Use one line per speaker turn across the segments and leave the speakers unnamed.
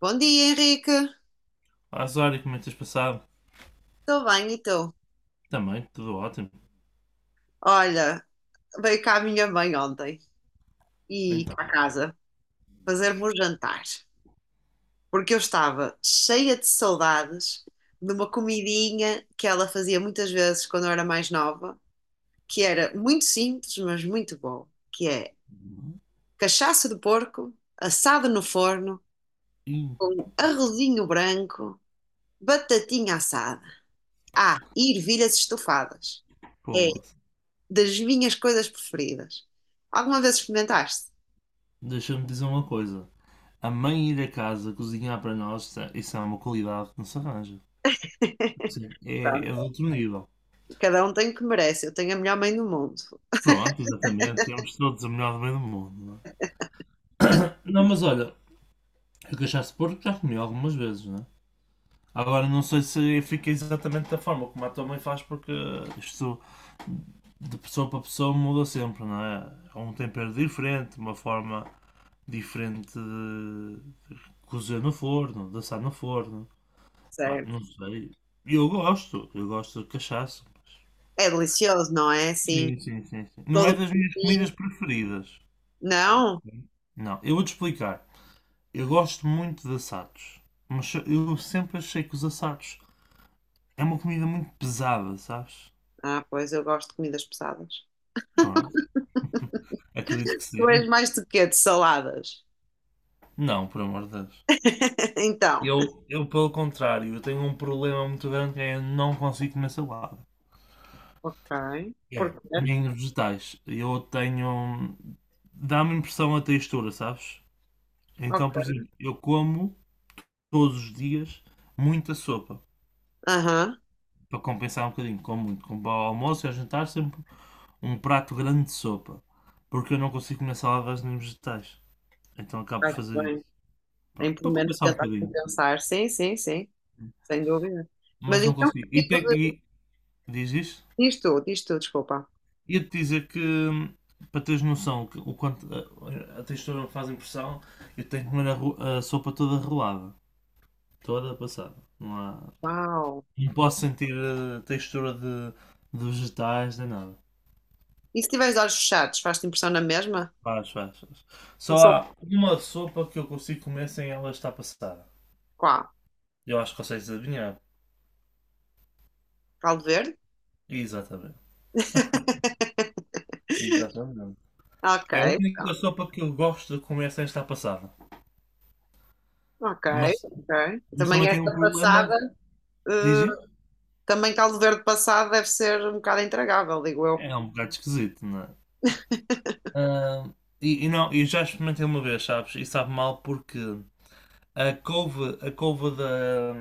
Bom dia, Henrique.
Ah, Zório, como é que tens passado?
Estou bem, e tu?
Também, tudo ótimo.
Olha, veio cá a minha mãe ontem e
Então,
cá a casa fazer-me um jantar, porque eu estava cheia de saudades de uma comidinha que ela fazia muitas vezes quando eu era mais nova, que era muito simples, mas muito boa, que é cachaça de porco assado no forno
ih,
com arrozinho branco, batatinha assada. Ah, e ervilhas estufadas. É
pô,
das minhas coisas preferidas. Alguma vez experimentaste?
deixa-me dizer uma coisa. A mãe ir a casa cozinhar para nós, isso é uma qualidade que não se arranja. Sim. É de
Pronto,
outro nível.
cada um tem o que merece. Eu tenho a melhor mãe do mundo.
Pronto, exatamente. Temos todos a melhor do meio do mundo, não é? Não, mas olha, eu cachaça de porco já comi algumas vezes, não é? Agora não sei se fica exatamente da forma como a tua mãe faz, porque isto de pessoa para pessoa muda sempre, não é? É um tempero diferente, uma forma diferente de cozer no forno, de assar no forno. Pá,
Sério.
não sei. Eu gosto de cachaça.
É delicioso, não é? Assim,
Sim, sim, sim, sim. Não é
todo
das minhas
pequenininho.
comidas preferidas.
Não?
Não, eu vou-te explicar. Eu gosto muito de assados, mas eu sempre achei que os assados é uma comida muito pesada, sabes?
Ah, pois eu gosto de comidas pesadas.
Pronto, acredito que
Tu és
sim.
mais de quê? De saladas?
Não, por amor de Deus.
Então.
Eu, pelo contrário, eu tenho um problema muito grande que é eu não consigo comer salada.
Ok.
É.
Porquê?
Nem vegetais. Eu tenho. Dá-me impressão a textura, sabes? Então,
Ok.
por exemplo, eu como todos os dias muita sopa
Aham.
para compensar um bocadinho. Como muito, como ao almoço e ao jantar, sempre um prato grande de sopa porque eu não consigo comer saladas nem vegetais, então acabo por
Está
fazer isso.
bem.
Pronto,
Em pelo
para
menos
compensar um
tentar
bocadinho,
compensar. Sim, sim, sim. Sem dúvida. Mas
mas não
então,
consigo.
que
E,
tipo de...
diz isto?
Diz tu, desculpa.
Ia-te dizer que para teres noção o o quanto a textura me faz impressão, eu tenho que comer a sopa toda rolada, toda passada.
Uau.
Não posso sentir textura de vegetais nem nada.
E se tiveres olhos fechados, faz-te impressão na mesma?
Faz, faz, faz.
Não
Só
sou
há uma sopa que eu consigo comer sem ela estar passada.
qual?
Eu acho que consegues adivinhar.
Caldo verde?
Exatamente. Exatamente.
Ok,
É a única
pronto.
sopa que eu gosto de comer sem estar passada.
Ok,
Mas,
ok.
mas
Também
também tem um
esta
problema,
passada,
diz
eh,
isso?
também caldo verde passado deve ser um bocado intragável, digo eu.
É um bocado esquisito, não é? Ah, e não, eu já experimentei uma vez, sabes? E sabe mal porque a couve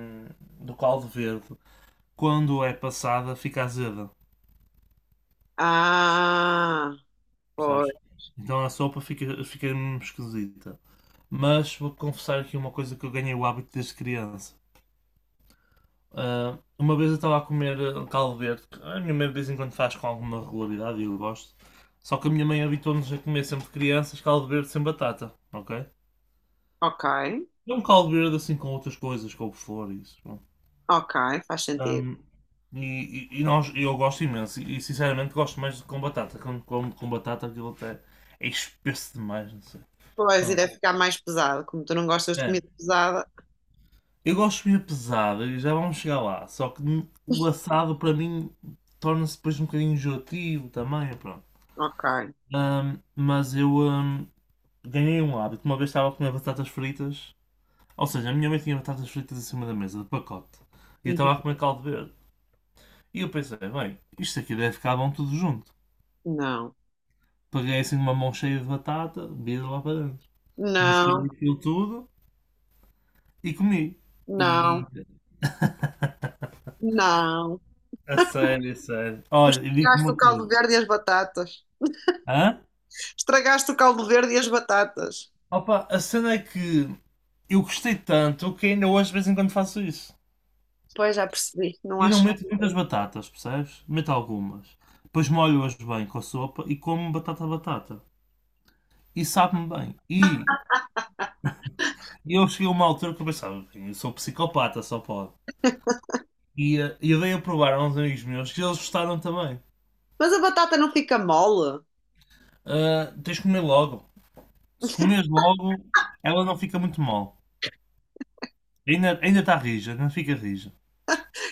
do caldo verde quando é passada, fica azeda,
Ah, pois.
percebes? Então a sopa fica mesmo esquisita. Mas vou confessar aqui uma coisa que eu ganhei o hábito desde criança. Ah, uma vez eu estava a comer caldo verde, que a minha mãe de vez em quando faz com alguma regularidade e eu gosto. Só que a minha mãe habituou-nos a comer sempre de crianças caldo verde sem batata, ok?
Ok,
É um caldo verde assim com outras coisas, couve-flor e isso.
ok, faz sentido.
Ahm, e, e eu gosto imenso. E sinceramente gosto mais de com batata. Quando como com batata aquilo até é espesso demais, não sei.
Pois,
Pronto.
irá ficar mais pesado. Como tu não gostas de
É,
comida pesada,
eu gosto de comida pesada e já vamos chegar lá. Só que o assado para mim torna-se depois um bocadinho enjoativo também, é pronto.
ok.
Mas eu ganhei um hábito. Uma vez estava a comer batatas fritas. Ou seja, a minha mãe tinha batatas fritas em cima da mesa, de pacote. E eu
Uhum.
estava a comer caldo verde. E eu pensei, bem, isto aqui deve ficar bom tudo junto.
Não,
Peguei assim uma mão cheia de batata, vi lá para dentro. Misturei
não,
aquilo tudo e comi. E
não, não.
a sério, a sério.
Tu
Olha, e digo-te
estragaste o
uma
caldo
coisa.
verde e as batatas.
Hã?
Estragaste o caldo verde e as batatas.
Opa, a cena é que eu gostei tanto que ainda hoje de vez em quando faço isso.
Pois, já percebi, não
Eu não
acho.
meto muitas batatas, percebes? Meto algumas. Depois molho-as bem com a sopa e como batata a batata. E sabe-me bem. E eu cheguei a uma altura que eu pensava, eu sou psicopata, só pode. E eu dei a provar a uns amigos meus que eles gostaram também.
Mas a batata não fica mole.
Ah, tens de comer logo. Se comeres logo, ela não fica muito mal. Ainda está rija, não fica rija.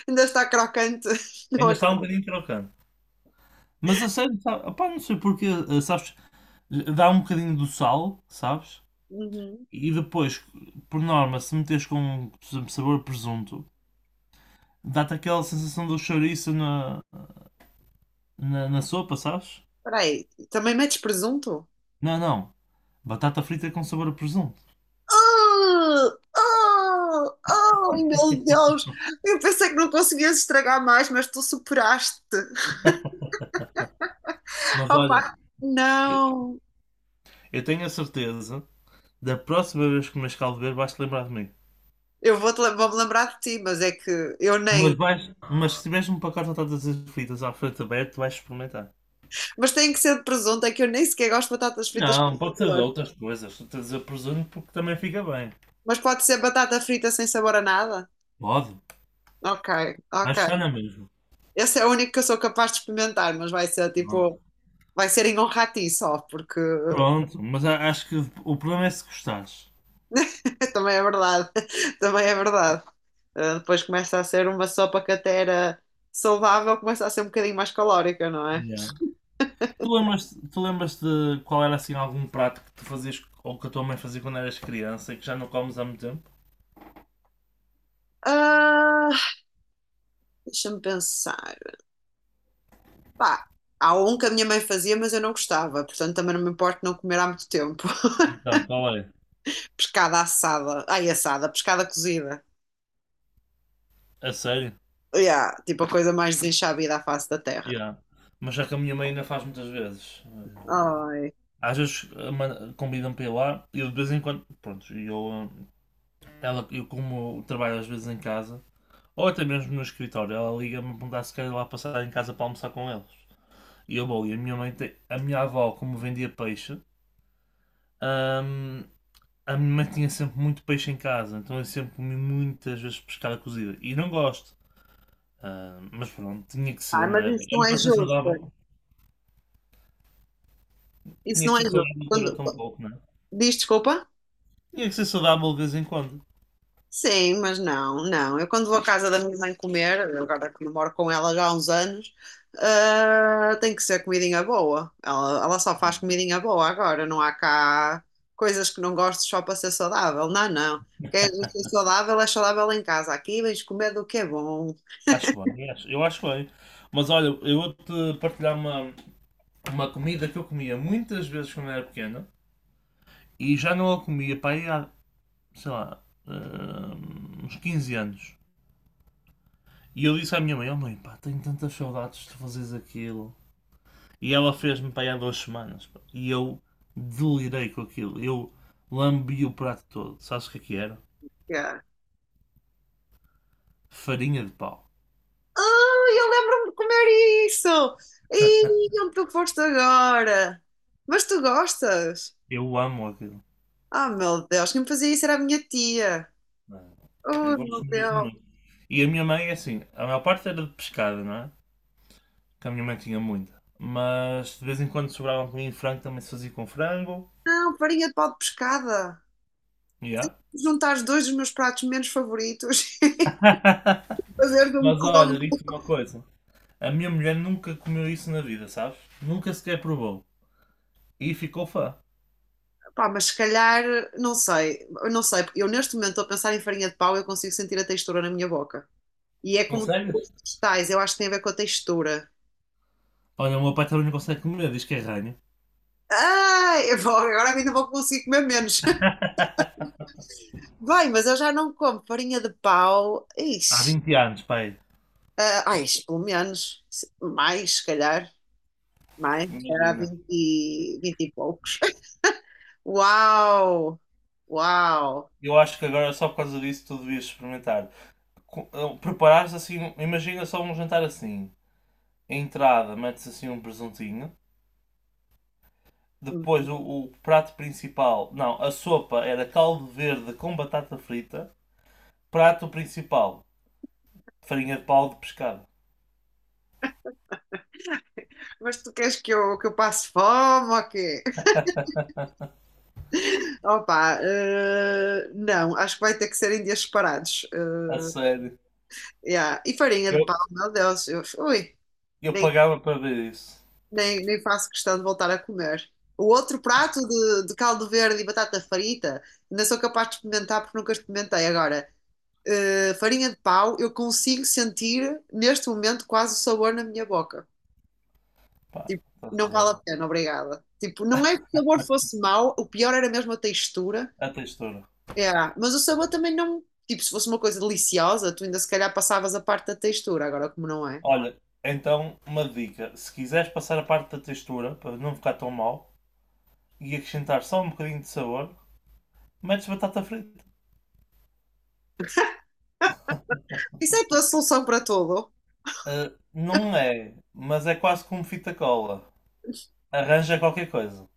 Ainda está crocante. Não
Ainda está um
acredito.
bocadinho trocando. Mas a sério, sabe, opá, não sei porquê sabes, dá um bocadinho do sal, sabes?
Uhum.
E depois, por norma, se meteres com, por exemplo, sabor a presunto, dá-te aquela sensação do chouriço na sopa, sabes?
Espera aí, também metes presunto?
Não, não. Batata frita com sabor a presunto.
Oh, oh, oh, meu Deus! Eu pensei que não conseguias estragar mais, mas tu superaste.
Mas
Opa,
olha, eu
não!
eu tenho a certeza, da próxima vez que comeres caldo verde, vais-te lembrar de mim.
Vou-me lembrar de ti, mas é que eu
Mas,
nem.
vais, mas se tiveres um pacote de todas as fitas à frente aberta, vais experimentar.
Mas tem que ser de presunto, é que eu nem sequer gosto de batatas fritas com
Não, pode ser de
sabor.
outras coisas. Estou a dizer presunto porque também fica bem.
Mas pode ser batata frita sem sabor a nada?
Pode,
Ok, ok.
mas está na mesma.
Esse é o único que eu sou capaz de experimentar, mas vai ser
Pronto,
tipo. Vai ser em honra a ti só, porque
pronto, mas acho que o problema é se gostares.
também é verdade. Também é verdade. Ah, depois começa a ser uma sopa que até era saudável, começa a ser um bocadinho mais calórica, não é?
Yeah. Tu lembras de qual era assim algum prato que tu fazias ou que a tua mãe fazia quando eras criança e que já não comes há muito tempo?
Ah, deixa-me pensar. Pá, há um que a minha mãe fazia, mas eu não gostava, portanto também não me importo não comer há muito tempo.
Então, qual é?
Pescada assada. Ai, assada, pescada cozida.
A sério?
Yeah, tipo a coisa mais desenxabida à face da terra.
Yeah. Mas já que a minha mãe ainda faz muitas vezes.
Ai,
Às vezes convidam-me para ir lá e eu de vez em quando, pronto, eu como trabalho às vezes em casa, ou até mesmo no escritório, ela liga-me a perguntar se quer ir lá passar em casa para almoçar com eles. E eu vou, e a minha avó, como vendia peixe, ahm, a minha mãe tinha sempre muito peixe em casa, então eu sempre comi muitas vezes pescada cozida. E não gosto. Mas pronto, tinha que ser,
ai,
não
mas
é?
isso não
Era
é
para ser
justo.
saudável.
Isso
Tinha que
não é
ser
justo.
saudável
Quando...
durante um pouco, não é?
Diz desculpa?
Tinha que ser saudável de vez em quando.
Sim, mas não, não. Eu quando vou à casa da minha mãe comer, agora que eu moro com ela já há uns anos, ah, tem que ser comidinha boa. Ela só faz comidinha boa agora, não há cá coisas que não gosto só para ser saudável. Não, não. Queres ser saudável, é saudável em casa. Aqui vens comer do que é bom.
Acho bem, eu acho bem. Mas olha, eu vou-te partilhar uma comida que eu comia muitas vezes quando era pequena e já não a comia para aí há, sei lá, uns 15 anos. E eu disse à minha mãe: Oh mãe, pá, tenho tantas saudades de fazeres aquilo. E ela fez-me para aí há 2 semanas, pá. E eu delirei com aquilo. Eu lambi o prato todo. Sabes o que é que era?
Yeah.
Farinha de pau.
Ah, eu lembro-me de comer isso! E onde tu foste agora? Mas tu gostas?
Eu amo aquilo.
Ah, meu Deus, quem me fazia isso era a minha tia.
Eu
Oh,
gosto
meu
mesmo
Deus.
muito. E a minha mãe é assim, a maior parte era de pescada, não é? Que a minha mãe tinha muita. Mas de vez em quando sobrava comigo frango, também se fazia com frango.
Não, farinha de pau de pescada.
Yeah.
Juntar os dois dos meus pratos menos favoritos fazer de um
Mas
como.
olha, digo-te uma coisa. A minha mulher nunca comeu isso na vida, sabes? Nunca sequer provou. E ficou fã.
Pá, mas se calhar, não sei, eu não sei, porque eu neste momento estou a pensar em farinha de pau e eu consigo sentir a textura na minha boca. E é como tu com
Consegues?
os vegetais, eu acho que tem a ver com a textura.
Olha, o meu pai também não consegue comer, diz que é ranho.
Ai, agora ainda vou conseguir comer menos. Bem, mas eu já não como farinha de pau.
Há
Ixi,
20 anos, pai.
ah, ai, pelo menos, mais, se calhar há
Imagina.
20 e poucos. Uau! Uau!
Eu acho que agora só por causa disso tu devias experimentar. Preparar assim, imagina só um jantar assim. A entrada, metes assim um presuntinho. Depois o prato principal. Não, a sopa era caldo verde com batata frita. Prato principal, farinha de pau de pescado.
Mas tu queres que eu passe fome ou quê? Opa, não, acho que vai ter que ser em dias separados.
A sério.
Yeah. E farinha de pau,
Eu,
meu Deus, eu, ui,
eu
nem,
pagava para ver isso.
nem faço questão de voltar a comer. O outro prato de caldo verde e batata frita, ainda sou capaz de experimentar porque nunca experimentei. Agora, farinha de pau, eu consigo sentir neste momento quase o sabor na minha boca.
Pá,
Tipo, não
estás a
vale
ver?
a pena, obrigada. Tipo, não é que o sabor fosse mau, o pior era mesmo a textura.
A textura.
É, mas o sabor também não. Tipo, se fosse uma coisa deliciosa, tu ainda se calhar passavas a parte da textura, agora como não é.
Olha, então uma dica. Se quiseres passar a parte da textura, para não ficar tão mal, e acrescentar só um bocadinho de sabor, metes batata frita.
Isso é a tua solução para tudo.
Ah, não é, mas é quase como fita cola. Arranja qualquer coisa.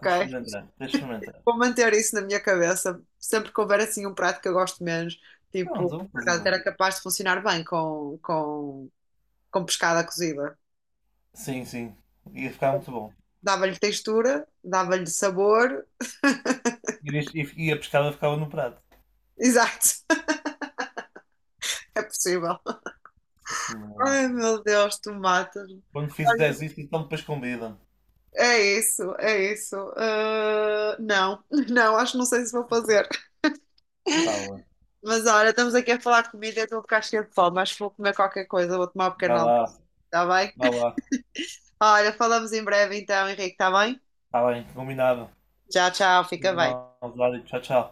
Deixa eu experimentar. Deixa eu experimentar.
Vou manter isso na minha cabeça. Sempre que houver assim um prato que eu gosto menos, tipo,
Pronto,
por
estás a
acaso
ver?
era capaz de funcionar bem com pescada cozida.
Sim, sim. Ia ficar muito bom.
Dava-lhe textura, dava-lhe sabor.
E, a pescada ficava no prato.
Exato. É possível.
Sim, senhora.
Ai, meu Deus, tu matas-me.
Quando fizeres
Olha,
isso, então depois convida-me.
é isso, é isso. Ah, não, não, acho que não sei se vou fazer.
Tá bem.
Mas olha, estamos aqui a falar de comida e eu estou a ficar cheia de fome. Acho que vou comer qualquer coisa, vou tomar um pequeno
Vai
almoço,
lá,
está bem?
vai lá.
Olha, falamos em breve então, Henrique, está bem?
Tá bem, combinado.
Tchau, tchau, fica bem.
Tchau, tchau.